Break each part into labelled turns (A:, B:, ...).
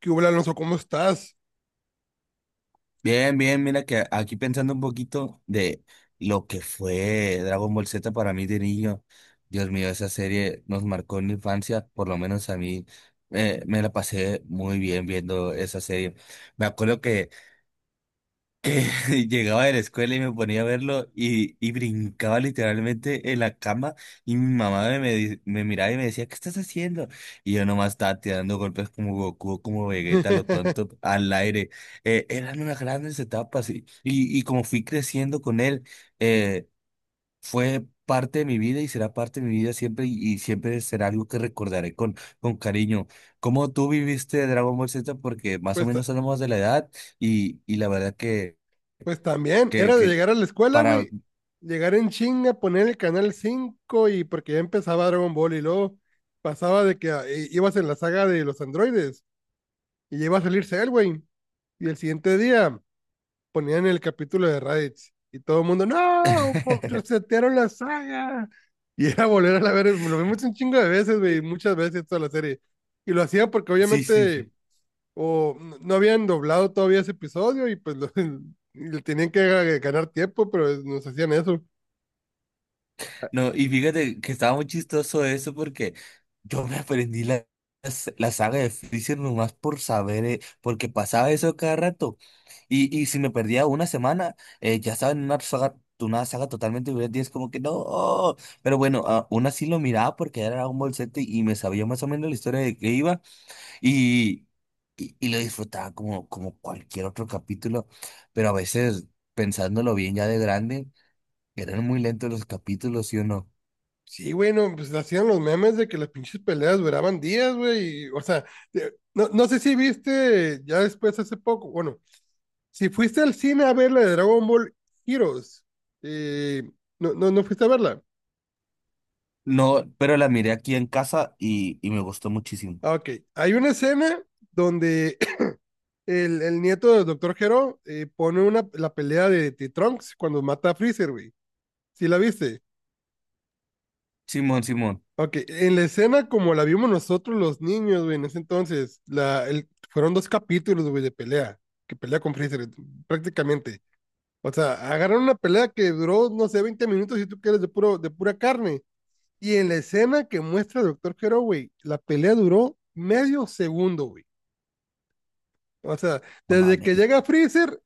A: ¿Qué hubo, Alonso? ¿Cómo estás?
B: Bien, bien, mira que aquí pensando un poquito de lo que fue Dragon Ball Z para mí de niño. Dios mío, esa serie nos marcó en la infancia, por lo menos a mí. Me la pasé muy bien viendo esa serie. Me acuerdo que llegaba de la escuela y me ponía a verlo y brincaba literalmente en la cama y mi mamá me miraba y me decía, ¿qué estás haciendo? Y yo nomás estaba tirando golpes como Goku, como Vegeta, lo tonto, al aire. Eran unas grandes etapas y como fui creciendo con él, eh, fue parte de mi vida y será parte de mi vida siempre, y siempre será algo que recordaré con, cariño. ¿Cómo tú viviste Dragon Ball Z? Porque más o
A: Pues, ta-
B: menos somos de la edad, y la verdad que
A: pues también,
B: que,
A: era de
B: que
A: llegar a la escuela,
B: para...
A: güey. Llegar en chinga, poner el canal 5 y porque ya empezaba Dragon Ball y luego pasaba de que ah, ibas en la saga de los androides y ya iba a salir Cell, güey. Y el siguiente día ponían el capítulo de Raditz y todo el mundo, ¡No! po- Resetearon la saga. Y era volver a la ver, lo vimos un chingo de veces, güey, muchas veces toda la serie. Y lo hacía porque
B: Sí,
A: obviamente
B: sí.
A: no habían doblado todavía ese episodio y pues le tenían que ganar tiempo, pero nos hacían eso.
B: No, y fíjate que estaba muy chistoso eso porque yo me aprendí la saga de Freezer nomás por saber, porque pasaba eso cada rato. Y si me perdía una semana, ya estaba en una saga, totalmente diferente y es como que no. Pero bueno, aún así lo miraba porque era Dragon Ball Z y me sabía más o menos la historia de qué iba. Y, y lo disfrutaba como, cualquier otro capítulo, pero a veces, pensándolo bien ya de grande, eran muy lentos los capítulos, ¿sí o no?
A: Sí, güey, no, pues hacían los memes de que las pinches peleas duraban días, güey, y, o sea, no, no sé si viste ya después hace poco, bueno, si fuiste al cine a ver la de Dragon Ball Heroes, eh, no, no, no fuiste a verla.
B: No, pero la miré aquí en casa y me gustó muchísimo.
A: Ah, ok, hay una escena donde el nieto del Doctor Gero pone la pelea de T-Trunks cuando mata a Freezer, güey. ¿Sí la viste?
B: Simón, Simón,
A: Ok, en la escena como la vimos nosotros los niños, güey, en ese entonces, fueron dos capítulos, güey, de pelea, que pelea con Freezer, prácticamente. O sea, agarraron una pelea que duró, no sé, 20 minutos, si tú quieres, de pura carne. Y en la escena que muestra el Doctor Hero, güey, la pelea duró medio segundo, güey. O sea,
B: no
A: desde que
B: mames.
A: llega Freezer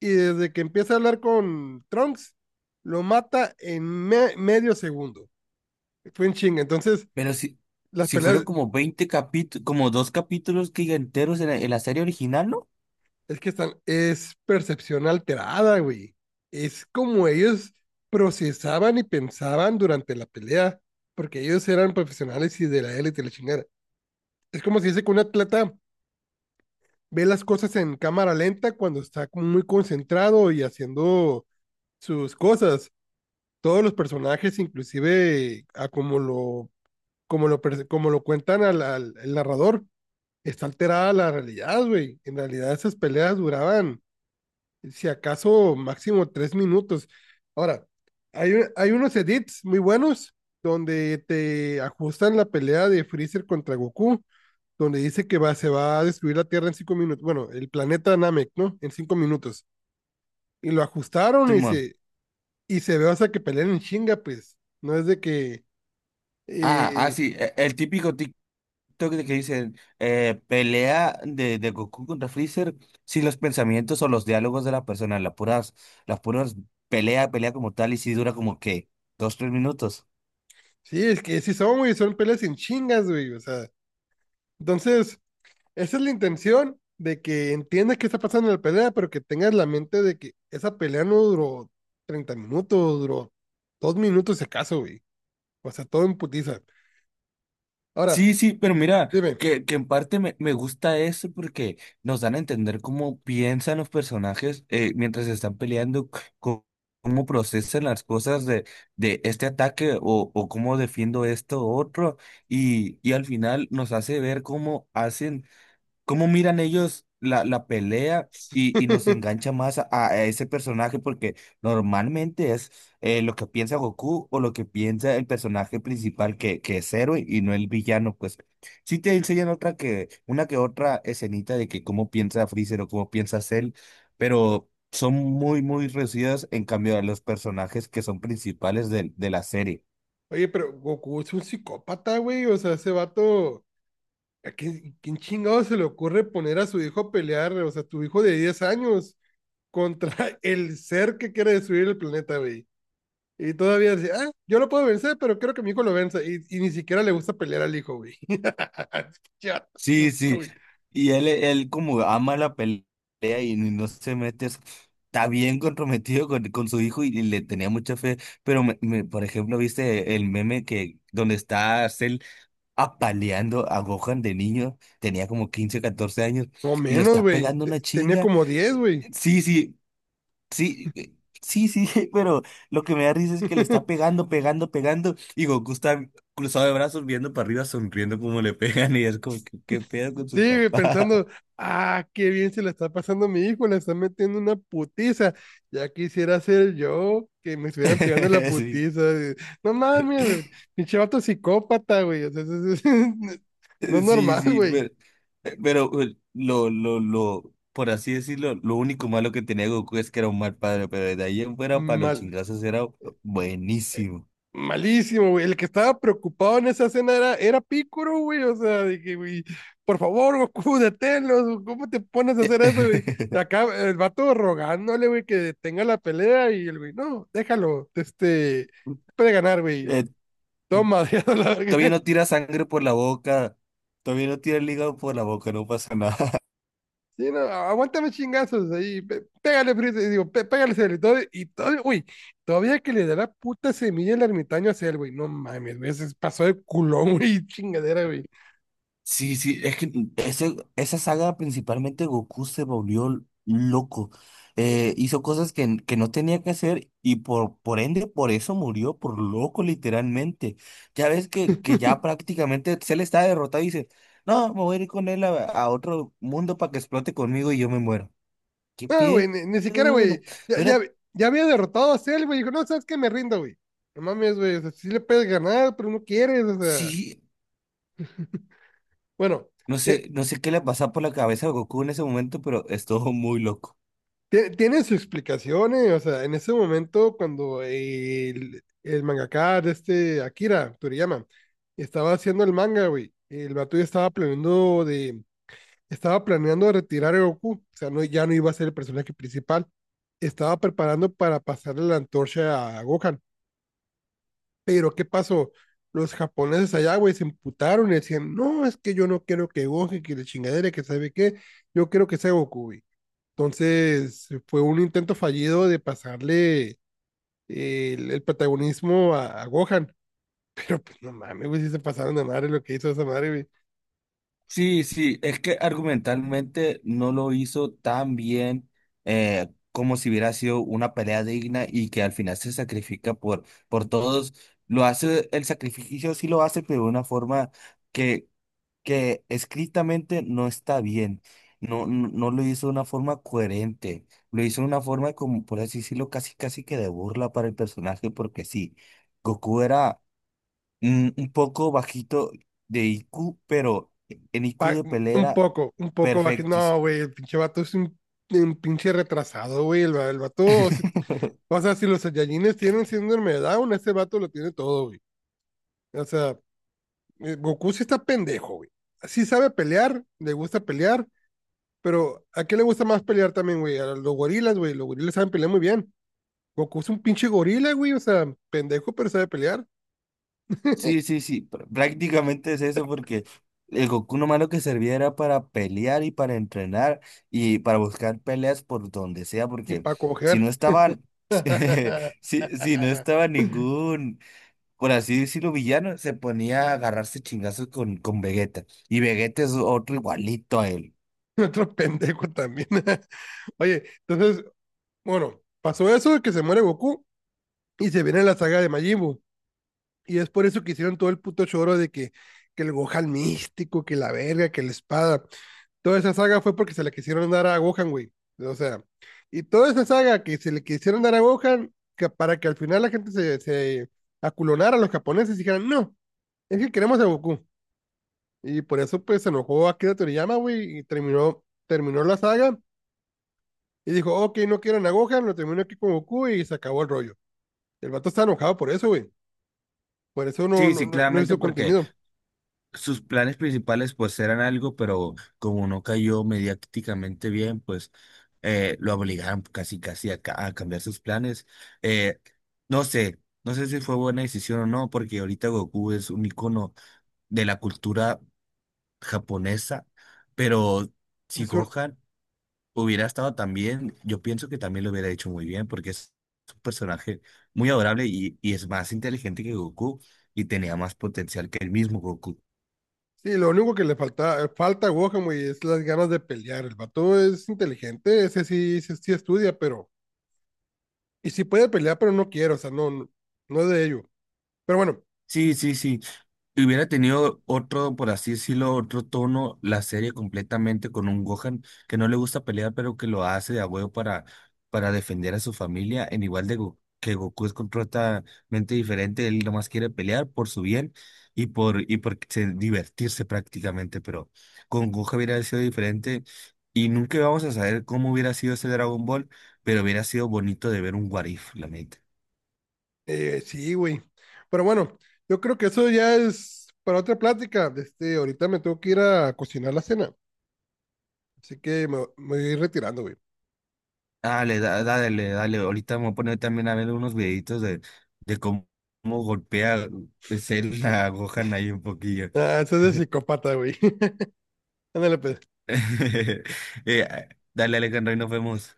A: y desde que empieza a hablar con Trunks, lo mata en medio segundo. Fue en chinga. Entonces,
B: Pero si,
A: las
B: si fueron
A: peleas.
B: como 20 capítulos, como dos capítulos que enteros en la serie original, ¿no?
A: Es que es percepción alterada, güey. Es como ellos procesaban y pensaban durante la pelea, porque ellos eran profesionales y de la élite la chingada. Es como si dice que un atleta ve las cosas en cámara lenta cuando está como muy concentrado y haciendo sus cosas. Todos los personajes, inclusive a como lo cuentan al, al el narrador, está alterada la realidad, güey. En realidad esas peleas duraban si acaso máximo 3 minutos. Ahora, hay unos edits muy buenos donde te ajustan la pelea de Freezer contra Goku, donde dice que se va a destruir la Tierra en 5 minutos, bueno, el planeta Namek, ¿no? En 5 minutos. Y lo ajustaron y
B: Simón.
A: se, y se ve hasta que pelean en chinga, pues. No es de que,
B: Ah, ah,
A: eh,
B: sí, el típico TikTok de que dicen, pelea de Goku contra Freezer sin los pensamientos o los diálogos de la persona, las puras pelea como tal, y si dura como que 2, 3 minutos.
A: sí, es que sí son, güey, son peleas en chingas, güey. O sea, entonces, esa es la intención de que entiendas qué está pasando en la pelea, pero que tengas la mente de que esa pelea no duró 30 minutos, duró 2 minutos si acaso, güey. O sea, todo en putiza. Ahora,
B: Sí, sí, pero mira,
A: dime.
B: que en parte me gusta eso porque nos dan a entender cómo piensan los personajes, mientras están peleando, cómo procesan las cosas de este ataque o cómo defiendo esto u otro, y al final nos hace ver cómo hacen. ¿Cómo miran ellos la pelea y nos engancha más a ese personaje? Porque normalmente es, lo que piensa Goku o lo que piensa el personaje principal, que es héroe y no el villano. Pues sí te enseñan una que otra escenita de que cómo piensa Freezer o cómo piensa Cell, pero son muy, muy reducidas en cambio a los personajes que son principales de la serie.
A: Oye, pero Goku es un psicópata, güey. O sea, ese vato. ¿A quién chingado se le ocurre poner a su hijo a pelear? O sea, tu hijo de 10 años contra el ser que quiere destruir el planeta, güey. Y todavía dice, ah, yo lo puedo vencer, pero quiero que mi hijo lo venza. Y ni siquiera le gusta pelear al hijo, güey. Ya.
B: Sí,
A: No,
B: sí.
A: güey.
B: Y él como ama la pelea y no se mete. Está bien comprometido con su hijo, y le tenía mucha fe. Pero, por ejemplo, ¿viste el meme que donde está Cell apaleando a Gohan de niño? Tenía como 15 14 años
A: No
B: y lo
A: menos,
B: está
A: güey.
B: pegando
A: Te-
B: una
A: Tenía
B: chinga.
A: como 10, güey.
B: Sí, sí. Sí, sí, sí, pero lo que me da risa es que le está pegando, pegando, pegando, y Goku está cruzado de brazos viendo para arriba, sonriendo como le pegan, y es como, ¿qué pedo con
A: Sí,
B: su
A: güey,
B: papá?
A: pensando, ah, qué bien se la está pasando a mi hijo, le está metiendo una putiza. Ya quisiera ser yo que me estuvieran pegando la
B: Sí,
A: putiza, güey. No mames, güey. Pinche vato psicópata, güey. O sea, no es
B: sí,
A: normal,
B: sí,
A: güey.
B: pero, lo, por así decirlo, lo único malo que tenía Goku es que era un mal padre, pero de ahí en fuera para los
A: Mal.
B: chingazos era buenísimo.
A: Malísimo, güey. El que estaba preocupado en esa escena era Picoro, güey. O sea, dije, güey, por favor, Goku, deténlos. ¿Cómo te pones a hacer eso, güey? Acá el vato rogándole, güey, que detenga la pelea y el güey, no, déjalo. Este, puede ganar, güey.
B: Eh,
A: Toma, ya la
B: todavía
A: verga.
B: no tira sangre por la boca, todavía no tira el hígado por la boca, no pasa nada.
A: Sí, no, aguántame chingazos ahí. Pégale, Freezer, digo, pégale, Cell, y todo, uy, todavía que le da la puta semilla el ermitaño a Cell, güey. No mames, güey, se pasó de culón, güey, chingadera, güey.
B: Sí, sí, es que ese, esa saga principalmente Goku se volvió loco. Hizo cosas que no tenía que hacer y por ende, por eso murió, por loco literalmente. Ya ves que ya prácticamente Cell está derrotado y dice, no, me voy a ir con él a otro mundo para que explote conmigo y yo me muero. ¿Qué
A: No, güey,
B: pedo?
A: ni siquiera, güey.
B: No,
A: Ya,
B: no era,
A: ya, ya había derrotado a Cell, güey. Dijo, no, sabes que me rindo, güey. No mames, güey. O sea, sí le puedes ganar, pero no quieres, o sea.
B: sí,
A: Bueno,
B: no
A: te-
B: sé, no sé qué le pasaba por la cabeza a Goku en ese momento, pero estuvo muy loco.
A: tiene su explicación, o sea, en ese momento, cuando el mangaka de este Akira Toriyama estaba haciendo el manga, güey, el vato ya estaba planeando de. Estaba planeando retirar a Goku. O sea, no, ya no iba a ser el personaje principal. Estaba preparando para pasarle la antorcha a Gohan. Pero ¿qué pasó? Los japoneses allá, güey, se emputaron y decían, no, es que yo no quiero que Gohan, que la chingadera, que sabe qué, yo quiero que sea Goku, güey. Entonces fue un intento fallido de pasarle el protagonismo a Gohan, pero pues no mames, güey, si se pasaron de madre lo que hizo esa madre, güey.
B: Sí, sí, es que argumentalmente no lo hizo tan bien, como si hubiera sido una pelea digna y que al final se sacrifica por todos. Lo hace, el sacrificio sí lo hace, pero de una forma que, que escritamente no está bien. No, no, no lo hizo de una forma coherente. Lo hizo de una forma como, por así decirlo, casi casi que de burla para el personaje, porque sí, Goku era, un poco bajito de IQ, pero en IQ
A: Pa-
B: de
A: un
B: pelera,
A: poco, bajé,
B: perfectis.
A: no, güey, el pinche vato es un pinche retrasado, güey, el vato, o sea, si los Saiyajines tienen síndrome de Down, ese vato lo tiene todo, güey. O sea, Goku sí está pendejo, güey. Sí sabe pelear, le gusta pelear, pero ¿a qué le gusta más pelear también, güey? A los gorilas, güey. Los gorilas saben pelear muy bien. Goku es un pinche gorila, güey. O sea, pendejo, pero sabe pelear.
B: Sí, sí, sí, prácticamente es eso porque el Goku nomás lo que servía era para pelear y para entrenar y para buscar peleas por donde sea,
A: Y
B: porque
A: para
B: si no
A: coger.
B: estaban, si, no estaba ningún, por así decirlo, villano, se ponía a agarrarse chingazos con, Vegeta. Y Vegeta es otro igualito a él.
A: Otro pendejo también. Oye, entonces, bueno, pasó eso de que se muere Goku y se viene la saga de Majin Buu. Y es por eso que hicieron todo el puto choro de que el Gohan místico, que la verga, que la espada. Toda esa saga fue porque se le quisieron dar a Gohan, güey. O sea, y toda esa saga que se le quisieron dar a Gohan, que para que al final la gente se aculonara a los japoneses y dijeran, no, es que queremos a Goku. Y por eso pues se enojó Akira Toriyama, güey, y terminó la saga y dijo, ok, no quieren a Gohan, lo termino aquí con Goku y se acabó el rollo. El vato está enojado por eso, güey. Por eso no,
B: Sí,
A: no,
B: sí,
A: no no
B: claramente
A: hizo
B: porque
A: contenido.
B: sus planes principales pues eran algo, pero como no cayó mediáticamente bien, pues, lo obligaron casi casi a cambiar sus planes. Eh, no sé, no sé si fue buena decisión o no, porque ahorita Goku es un icono de la cultura japonesa, pero si
A: Es
B: Gohan hubiera estado tan bien, yo pienso que también lo hubiera hecho muy bien, porque es un personaje muy adorable, y es más inteligente que Goku y tenía más potencial que el mismo Goku.
A: Sí, lo único que le falta a Gohan, güey, es las ganas de pelear. El vato es inteligente, ese sí, sí, sí estudia, pero. Y sí puede pelear, pero no quiere, o sea, no, no, no es de ello. Pero bueno,
B: Sí, sí, sí. Hubiera tenido otro, por así decirlo, otro tono la serie completamente con un Gohan que no le gusta pelear, pero que lo hace de a huevo para defender a su familia, en igual de que Goku es completamente diferente, él nomás quiere pelear por su bien y por divertirse prácticamente, pero con Gohan hubiera sido diferente y nunca vamos a saber cómo hubiera sido ese Dragon Ball, pero hubiera sido bonito de ver un What If, la neta.
A: sí, güey. Pero bueno, yo creo que eso ya es para otra plática. Este, ahorita me tengo que ir a cocinar la cena, así que me voy a ir retirando, güey.
B: Dale, dale, dale. Ahorita me voy a poner también a ver unos videitos de cómo, golpea ser la Gohan ahí un poquillo.
A: Ah, eso es de psicópata, güey. Ándale, pues.
B: Eh, dale, Alejandro, y nos vemos.